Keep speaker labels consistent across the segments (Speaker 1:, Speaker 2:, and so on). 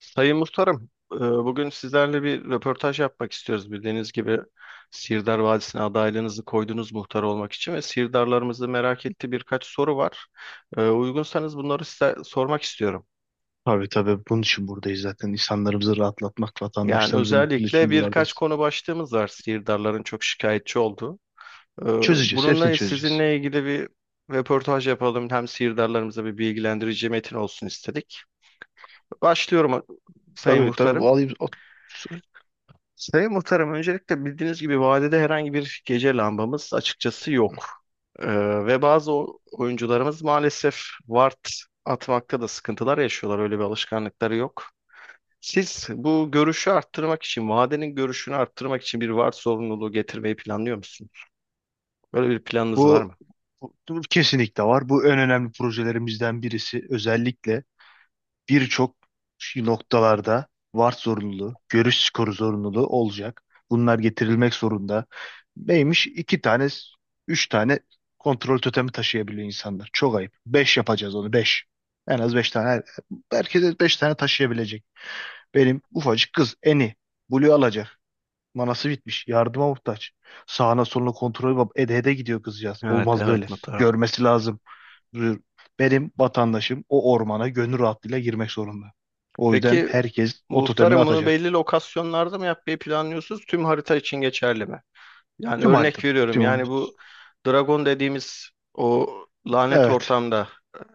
Speaker 1: Sayın Muhtarım, bugün sizlerle bir röportaj yapmak istiyoruz. Bildiğiniz gibi Sirdar Vadisi'ne adaylığınızı koydunuz muhtar olmak için ve Sirdarlarımızı merak ettiği birkaç soru var. Uygunsanız bunları size sormak istiyorum.
Speaker 2: Tabii tabii bunun için buradayız zaten. İnsanlarımızı rahatlatmak,
Speaker 1: Yani
Speaker 2: vatandaşlarımızın mutluluğu
Speaker 1: özellikle
Speaker 2: için
Speaker 1: birkaç
Speaker 2: buralardayız.
Speaker 1: konu başlığımız var Sirdarların çok şikayetçi olduğu. E,
Speaker 2: Çözeceğiz, hepsini
Speaker 1: Bununla
Speaker 2: çözeceğiz.
Speaker 1: sizinle ilgili bir röportaj yapalım. Hem Sirdarlarımıza bir bilgilendirici metin olsun istedik. Başlıyorum Sayın
Speaker 2: Tabii tabii bu
Speaker 1: Muhtarım.
Speaker 2: alayım.
Speaker 1: Sayın Muhtarım, öncelikle bildiğiniz gibi vadede herhangi bir gece lambamız açıkçası yok. Ee, ve bazı oyuncularımız maalesef ward atmakta da sıkıntılar yaşıyorlar. Öyle bir alışkanlıkları yok. Siz bu görüşü arttırmak için, vadenin görüşünü arttırmak için bir ward zorunluluğu getirmeyi planlıyor musunuz? Böyle bir planınız var
Speaker 2: Bu,
Speaker 1: mı?
Speaker 2: bu kesinlikle var. Bu en önemli projelerimizden birisi. Özellikle birçok noktalarda VAR zorunluluğu, görüş skoru zorunluluğu olacak. Bunlar getirilmek zorunda. Neymiş? 2 tane, 3 tane kontrol totemi taşıyabiliyor insanlar. Çok ayıp. Beş yapacağız onu, beş. En az 5 tane. Herkese 5 tane taşıyabilecek. Benim ufacık kız Eni. Blue alacak. Manası bitmiş. Yardıma muhtaç. Sağına soluna kontrol ede ede gidiyor kızcağız.
Speaker 1: Evet,
Speaker 2: Olmaz böyle.
Speaker 1: evet muhtarım.
Speaker 2: Görmesi lazım. Benim vatandaşım o ormana gönül rahatlığıyla girmek zorunda. O yüzden
Speaker 1: Peki
Speaker 2: herkes o totemini
Speaker 1: Muhtarım, bunu
Speaker 2: atacak.
Speaker 1: belli lokasyonlarda mı yapmayı planlıyorsunuz? Tüm harita için geçerli mi? Yani
Speaker 2: Tüm
Speaker 1: örnek
Speaker 2: haritada.
Speaker 1: veriyorum.
Speaker 2: Tüm...
Speaker 1: Yani bu Dragon dediğimiz o lanet
Speaker 2: Evet.
Speaker 1: ortamda,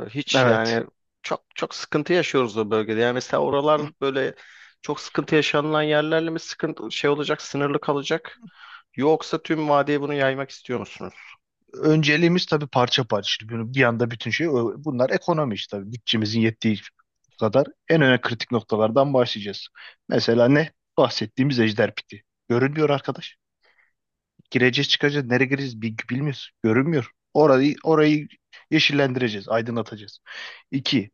Speaker 1: hiç
Speaker 2: Evet.
Speaker 1: yani çok çok sıkıntı yaşıyoruz o bölgede. Yani mesela oralar böyle çok sıkıntı yaşanılan yerlerle mi sıkıntı şey olacak, sınırlı kalacak? Yoksa tüm vadiye bunu yaymak istiyor musunuz?
Speaker 2: Önceliğimiz tabii parça parça. Şimdi bunu bir anda bütün şey bunlar ekonomi işte tabii. Bütçemizin yettiği kadar en önemli kritik noktalardan başlayacağız. Mesela ne? Bahsettiğimiz ejder piti. Görünmüyor arkadaş. Gireceğiz çıkacağız. Nereye gireceğiz bilmiyoruz. Görünmüyor. Orayı yeşillendireceğiz. Aydınlatacağız. İki.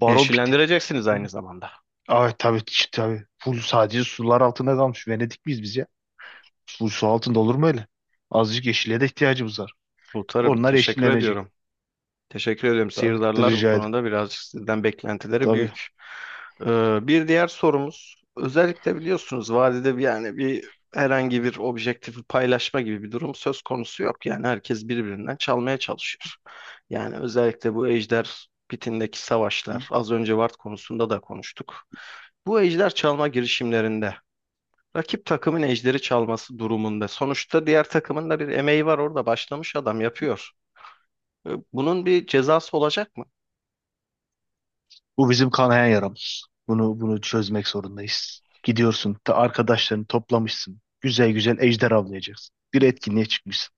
Speaker 2: Baron piti.
Speaker 1: Yeşillendireceksiniz aynı zamanda.
Speaker 2: Ay tabii tabii. Full sadece sular altında kalmış. Venedik miyiz biz ya? Full su altında olur mu öyle? Azıcık yeşile de ihtiyacımız var.
Speaker 1: Muhtarım,
Speaker 2: Onlar
Speaker 1: teşekkür
Speaker 2: yeşillenecek.
Speaker 1: ediyorum. Teşekkür ederim.
Speaker 2: Tabii de
Speaker 1: Sihirdarlar bu
Speaker 2: rica ederim.
Speaker 1: konuda birazcık sizden beklentileri
Speaker 2: Tabii.
Speaker 1: büyük. Bir diğer sorumuz, özellikle biliyorsunuz vadide bir yani bir herhangi bir objektifi paylaşma gibi bir durum söz konusu yok. Yani herkes birbirinden çalmaya çalışıyor. Yani özellikle bu Ejder Pitindeki savaşlar, az önce Vart konusunda da konuştuk. Bu ejder çalma girişimlerinde rakip takımın ejderi çalması durumunda sonuçta diğer takımın da bir emeği var orada başlamış adam yapıyor. Bunun bir cezası olacak mı?
Speaker 2: Bu bizim kanayan yaramız. Bunu çözmek zorundayız. Gidiyorsun, ta arkadaşlarını toplamışsın. Güzel güzel ejder avlayacaksın. Bir etkinliğe çıkmışsın.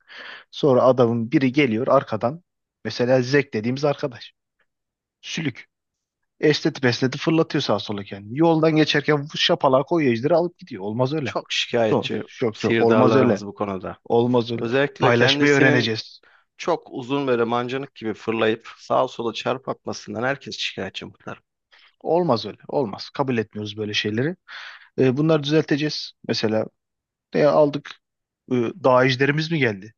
Speaker 2: Sonra adamın biri geliyor arkadan. Mesela Zek dediğimiz arkadaş. Sülük. Esneti besneti fırlatıyor sağa sola kendini. Yoldan geçerken şapalağa koyuyor ejderi alıp gidiyor. Olmaz öyle.
Speaker 1: Çok
Speaker 2: Zor.
Speaker 1: şikayetçi
Speaker 2: Çok çok. Olmaz öyle.
Speaker 1: sihirdarlarımız bu konuda.
Speaker 2: Olmaz öyle.
Speaker 1: Özellikle
Speaker 2: Paylaşmayı
Speaker 1: kendisinin
Speaker 2: öğreneceğiz.
Speaker 1: çok uzun böyle mancınık gibi fırlayıp sağa sola çarp atmasından herkes şikayetçi muhtarım.
Speaker 2: Olmaz öyle. Olmaz. Kabul etmiyoruz böyle şeyleri. Bunları düzelteceğiz. Mesela aldık, e, dağ ejderimiz mi geldi?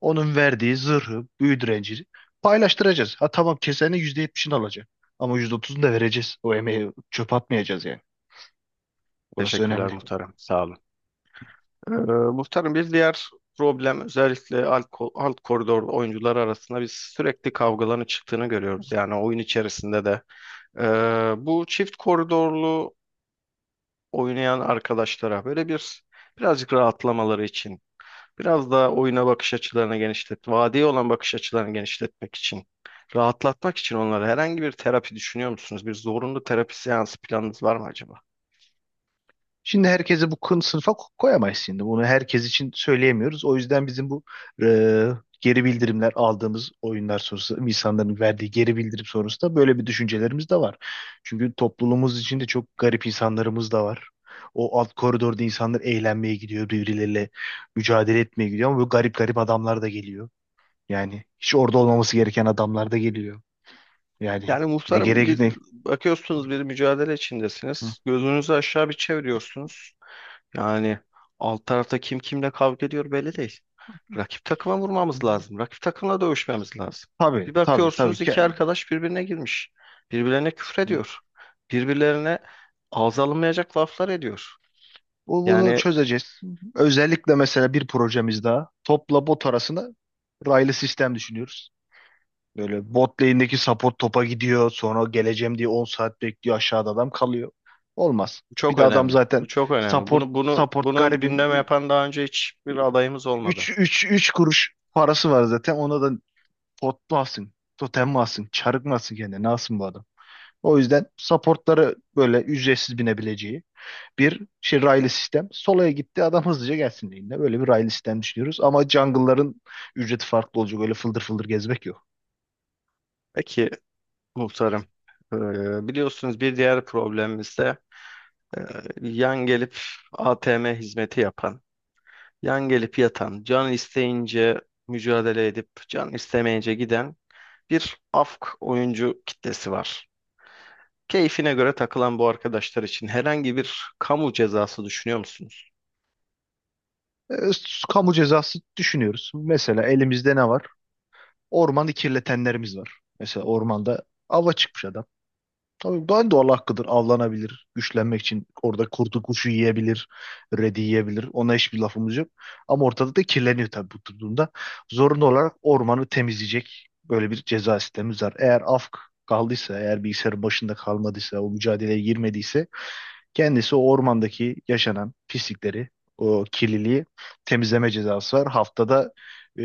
Speaker 2: Onun verdiği zırhı, büyü direnci paylaştıracağız. Ha tamam, kesenin %70'ini alacak. Ama %30'unu da vereceğiz. O emeği çöp atmayacağız yani. Orası
Speaker 1: Teşekkürler
Speaker 2: önemli.
Speaker 1: muhtarım. Sağ olun. Ee, muhtarım, bir diğer problem özellikle alt koridor oyuncular arasında biz sürekli kavgaların çıktığını görüyoruz. Yani oyun içerisinde de. Bu çift koridorlu oynayan arkadaşlara böyle bir birazcık rahatlamaları için biraz daha oyuna bakış açılarını genişlet, vadiye olan bakış açılarını genişletmek için, rahatlatmak için onlara herhangi bir terapi düşünüyor musunuz? Bir zorunlu terapi seansı planınız var mı acaba?
Speaker 2: Şimdi herkese bu kın sınıfa koyamayız şimdi. Bunu herkes için söyleyemiyoruz. O yüzden bizim bu e, geri bildirimler aldığımız oyunlar sonrası insanların verdiği geri bildirim sonrasında böyle bir düşüncelerimiz de var. Çünkü topluluğumuz içinde çok garip insanlarımız da var. O alt koridorda insanlar eğlenmeye gidiyor, birbirleriyle mücadele etmeye gidiyor ama böyle garip garip adamlar da geliyor. Yani hiç orada olmaması gereken adamlar da geliyor. Yani
Speaker 1: Yani
Speaker 2: ne
Speaker 1: muhtarım,
Speaker 2: gerek
Speaker 1: biz
Speaker 2: ne?
Speaker 1: bakıyorsunuz bir mücadele
Speaker 2: Hı.
Speaker 1: içindesiniz. Gözünüzü aşağı bir çeviriyorsunuz. Yani alt tarafta kim kimle kavga ediyor belli değil. Rakip takıma vurmamız lazım. Rakip takımla dövüşmemiz lazım.
Speaker 2: Tabii
Speaker 1: Bir
Speaker 2: tabii tabii.
Speaker 1: bakıyorsunuz iki arkadaş birbirine girmiş. Birbirlerine küfrediyor. Birbirlerine ağza alınmayacak laflar ediyor.
Speaker 2: Bunu
Speaker 1: Yani
Speaker 2: çözeceğiz. Özellikle mesela bir projemiz daha. Topla bot arasında raylı sistem düşünüyoruz. Böyle bot lane'deki support topa gidiyor. Sonra geleceğim diye 10 saat bekliyor. Aşağıda adam kalıyor. Olmaz.
Speaker 1: bu
Speaker 2: Bir
Speaker 1: çok
Speaker 2: de adam
Speaker 1: önemli.
Speaker 2: zaten
Speaker 1: Bu çok önemli.
Speaker 2: support
Speaker 1: Bunu bunu
Speaker 2: support
Speaker 1: bunu
Speaker 2: garibim,
Speaker 1: gündeme yapan daha önce hiçbir adayımız
Speaker 2: üç
Speaker 1: olmadı.
Speaker 2: üç üç kuruş parası var zaten. Ona da pot mu alsın? Totem mi alsın? Çarık mı alsın kendine? Ne alsın bu adam? O yüzden supportları böyle ücretsiz binebileceği bir şey, raylı sistem. Solaya gitti adam hızlıca gelsin lane'ine. Böyle bir raylı sistem düşünüyoruz. Ama jungle'ların ücreti farklı olacak. Öyle fıldır fıldır gezmek yok.
Speaker 1: Peki muhtarım, e, biliyorsunuz bir diğer problemimiz de e, yan gelip ATM hizmeti yapan, yan gelip yatan, can isteyince mücadele edip can istemeyince giden bir afk oyuncu kitlesi var. Keyfine göre takılan bu arkadaşlar için herhangi bir kamu cezası düşünüyor musunuz?
Speaker 2: E, Kamu cezası düşünüyoruz. Mesela elimizde ne var? Ormanı kirletenlerimiz var. Mesela ormanda ava çıkmış adam. Tabii ben de Allah hakkıdır. Avlanabilir. Güçlenmek için orada kurdu kuşu yiyebilir. Redi yiyebilir. Ona hiçbir lafımız yok. Ama ortada da kirleniyor tabii bu durumda. Zorunlu olarak ormanı temizleyecek böyle bir ceza sistemimiz var. Eğer afk kaldıysa, eğer bilgisayarın başında kalmadıysa, o mücadeleye girmediyse, kendisi o ormandaki yaşanan pislikleri, o kirliliği temizleme cezası var. E,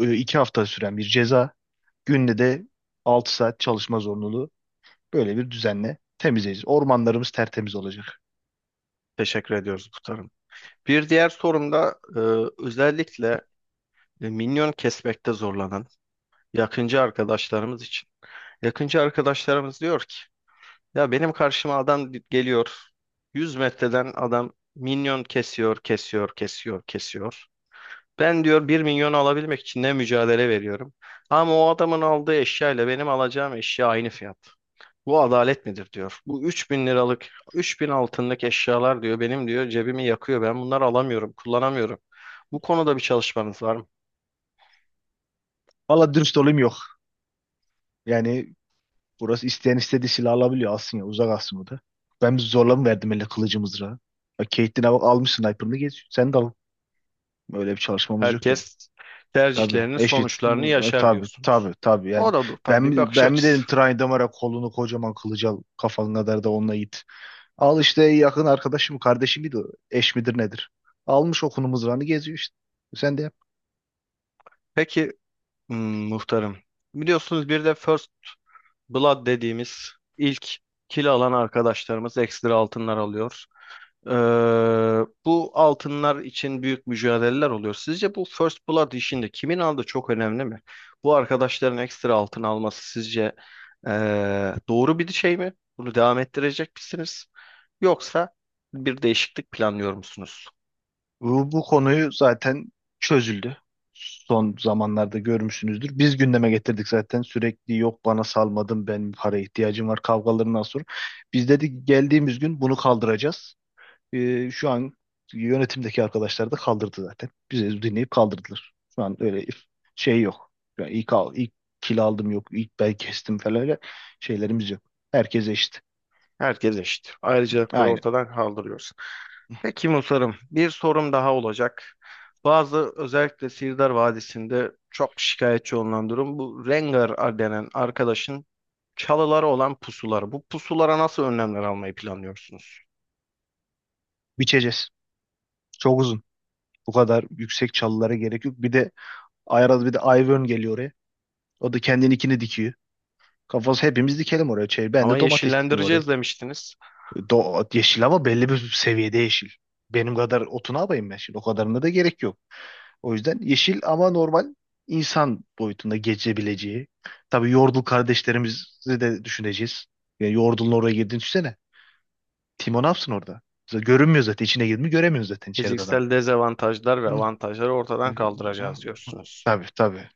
Speaker 2: 2 hafta süren bir ceza. Günde de 6 saat çalışma zorunluluğu. Böyle bir düzenle temizleyeceğiz. Ormanlarımız tertemiz olacak.
Speaker 1: Teşekkür ediyoruz muhtarım. Bir diğer sorum da özellikle minyon kesmekte zorlanan yakıncı arkadaşlarımız için. Yakıncı arkadaşlarımız diyor ki, ya benim karşıma adam geliyor, 100 metreden adam minyon kesiyor, kesiyor, kesiyor, kesiyor. Ben diyor 1 milyon alabilmek için ne mücadele veriyorum. Ama o adamın aldığı eşya ile benim alacağım eşya aynı fiyat. Bu adalet midir diyor. Bu 3 bin liralık, 3 bin altınlık eşyalar diyor benim diyor cebimi yakıyor. Ben bunları alamıyorum, kullanamıyorum. Bu konuda bir çalışmanız var mı?
Speaker 2: Valla dürüst olayım, yok. Yani burası, isteyen istediği silah alabiliyor. Alsın ya, uzak alsın o da. Ben bir zorla mı verdim elle kılıcı mızrağı? Bak, Caitlyn'e bak, almış sniper'ını geç. Sen de al. Öyle bir çalışmamız yok yani.
Speaker 1: Herkes
Speaker 2: Tabii
Speaker 1: tercihlerinin
Speaker 2: eşit.
Speaker 1: sonuçlarını
Speaker 2: Hı,
Speaker 1: yaşar
Speaker 2: tabii tabii
Speaker 1: diyorsunuz.
Speaker 2: tabii
Speaker 1: O
Speaker 2: yani.
Speaker 1: da bu
Speaker 2: Ben
Speaker 1: tabii bir
Speaker 2: mi,
Speaker 1: bakış
Speaker 2: ben mi
Speaker 1: açısı.
Speaker 2: dedim Trine Damar'a kolunu, kocaman kılıcı al. Kafan kadar da onunla it. Al işte, yakın arkadaşım kardeşim miydi o? Eş midir nedir? Almış okunumuz mızrağını geziyor işte. Sen de yap.
Speaker 1: Peki hmm, muhtarım. Biliyorsunuz bir de First Blood dediğimiz ilk kil alan arkadaşlarımız ekstra altınlar alıyor. Ee, bu altınlar için büyük mücadeleler oluyor. Sizce bu First Blood işinde kimin aldığı çok önemli mi? Bu arkadaşların ekstra altın alması sizce doğru bir şey mi? Bunu devam ettirecek misiniz? Yoksa bir değişiklik planlıyor musunuz?
Speaker 2: Bu konuyu zaten çözüldü. Son zamanlarda görmüşsünüzdür. Biz gündeme getirdik zaten sürekli yok bana salmadın ben para ihtiyacım var kavgalarından sonra. Biz dedik geldiğimiz gün bunu kaldıracağız. Şu an yönetimdeki arkadaşlar da kaldırdı zaten. Bizi dinleyip kaldırdılar. Şu an öyle şey yok. Yani ilk, ilk kil aldım yok, ilk bel kestim falan, öyle şeylerimiz yok. Herkes eşit.
Speaker 1: Herkes eşit. Ayrıcalıkları
Speaker 2: Aynı.
Speaker 1: ortadan kaldırıyorsun. Peki Musarım, bir sorum daha olacak. Bazı özellikle Sirdar Vadisi'nde çok şikayetçi olunan durum bu Rengar denen arkadaşın çalıları olan pusuları. Bu pusulara nasıl önlemler almayı planlıyorsunuz?
Speaker 2: Biçeceğiz. Çok uzun. Bu kadar yüksek çalılara gerek yok. Bir de Ayraz, bir de Ivern geliyor oraya. O da kendininkini dikiyor. Kafası hepimiz dikelim oraya. Şey, ben
Speaker 1: Ama
Speaker 2: de domates dikeyim oraya.
Speaker 1: yeşillendireceğiz demiştiniz.
Speaker 2: Yeşil ama belli bir seviyede yeşil. Benim kadar otunu alayım ben şimdi. O kadarına da gerek yok. O yüzden yeşil ama normal insan boyutunda geçebileceği. Tabii Yordle kardeşlerimizi de düşüneceğiz. Yani Yordle'ın oraya girdiğini düşünsene. Timo ne yapsın orada? Görünmüyor zaten. İçine girdi mi göremiyoruz zaten içeride adam.
Speaker 1: Fiziksel dezavantajlar ve
Speaker 2: Hı.
Speaker 1: avantajları ortadan
Speaker 2: Hı.
Speaker 1: kaldıracağız diyorsunuz.
Speaker 2: Tabii tabii.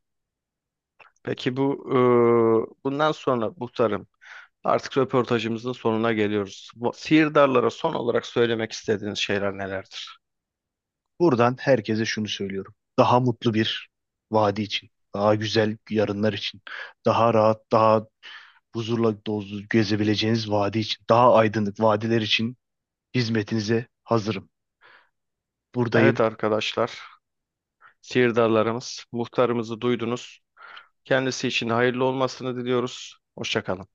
Speaker 1: Peki bu bundan sonra Musarım, artık röportajımızın sonuna geliyoruz. Bu, sihirdarlara son olarak söylemek istediğiniz şeyler nelerdir?
Speaker 2: Buradan herkese şunu söylüyorum. Daha mutlu bir vadi için. Daha güzel yarınlar için. Daha rahat, daha huzurla dolu gezebileceğiniz vadi için. Daha aydınlık vadiler için hizmetinize hazırım.
Speaker 1: Evet
Speaker 2: Buradayım.
Speaker 1: arkadaşlar, sihirdarlarımız, muhtarımızı duydunuz. Kendisi için hayırlı olmasını diliyoruz. Hoşça kalın.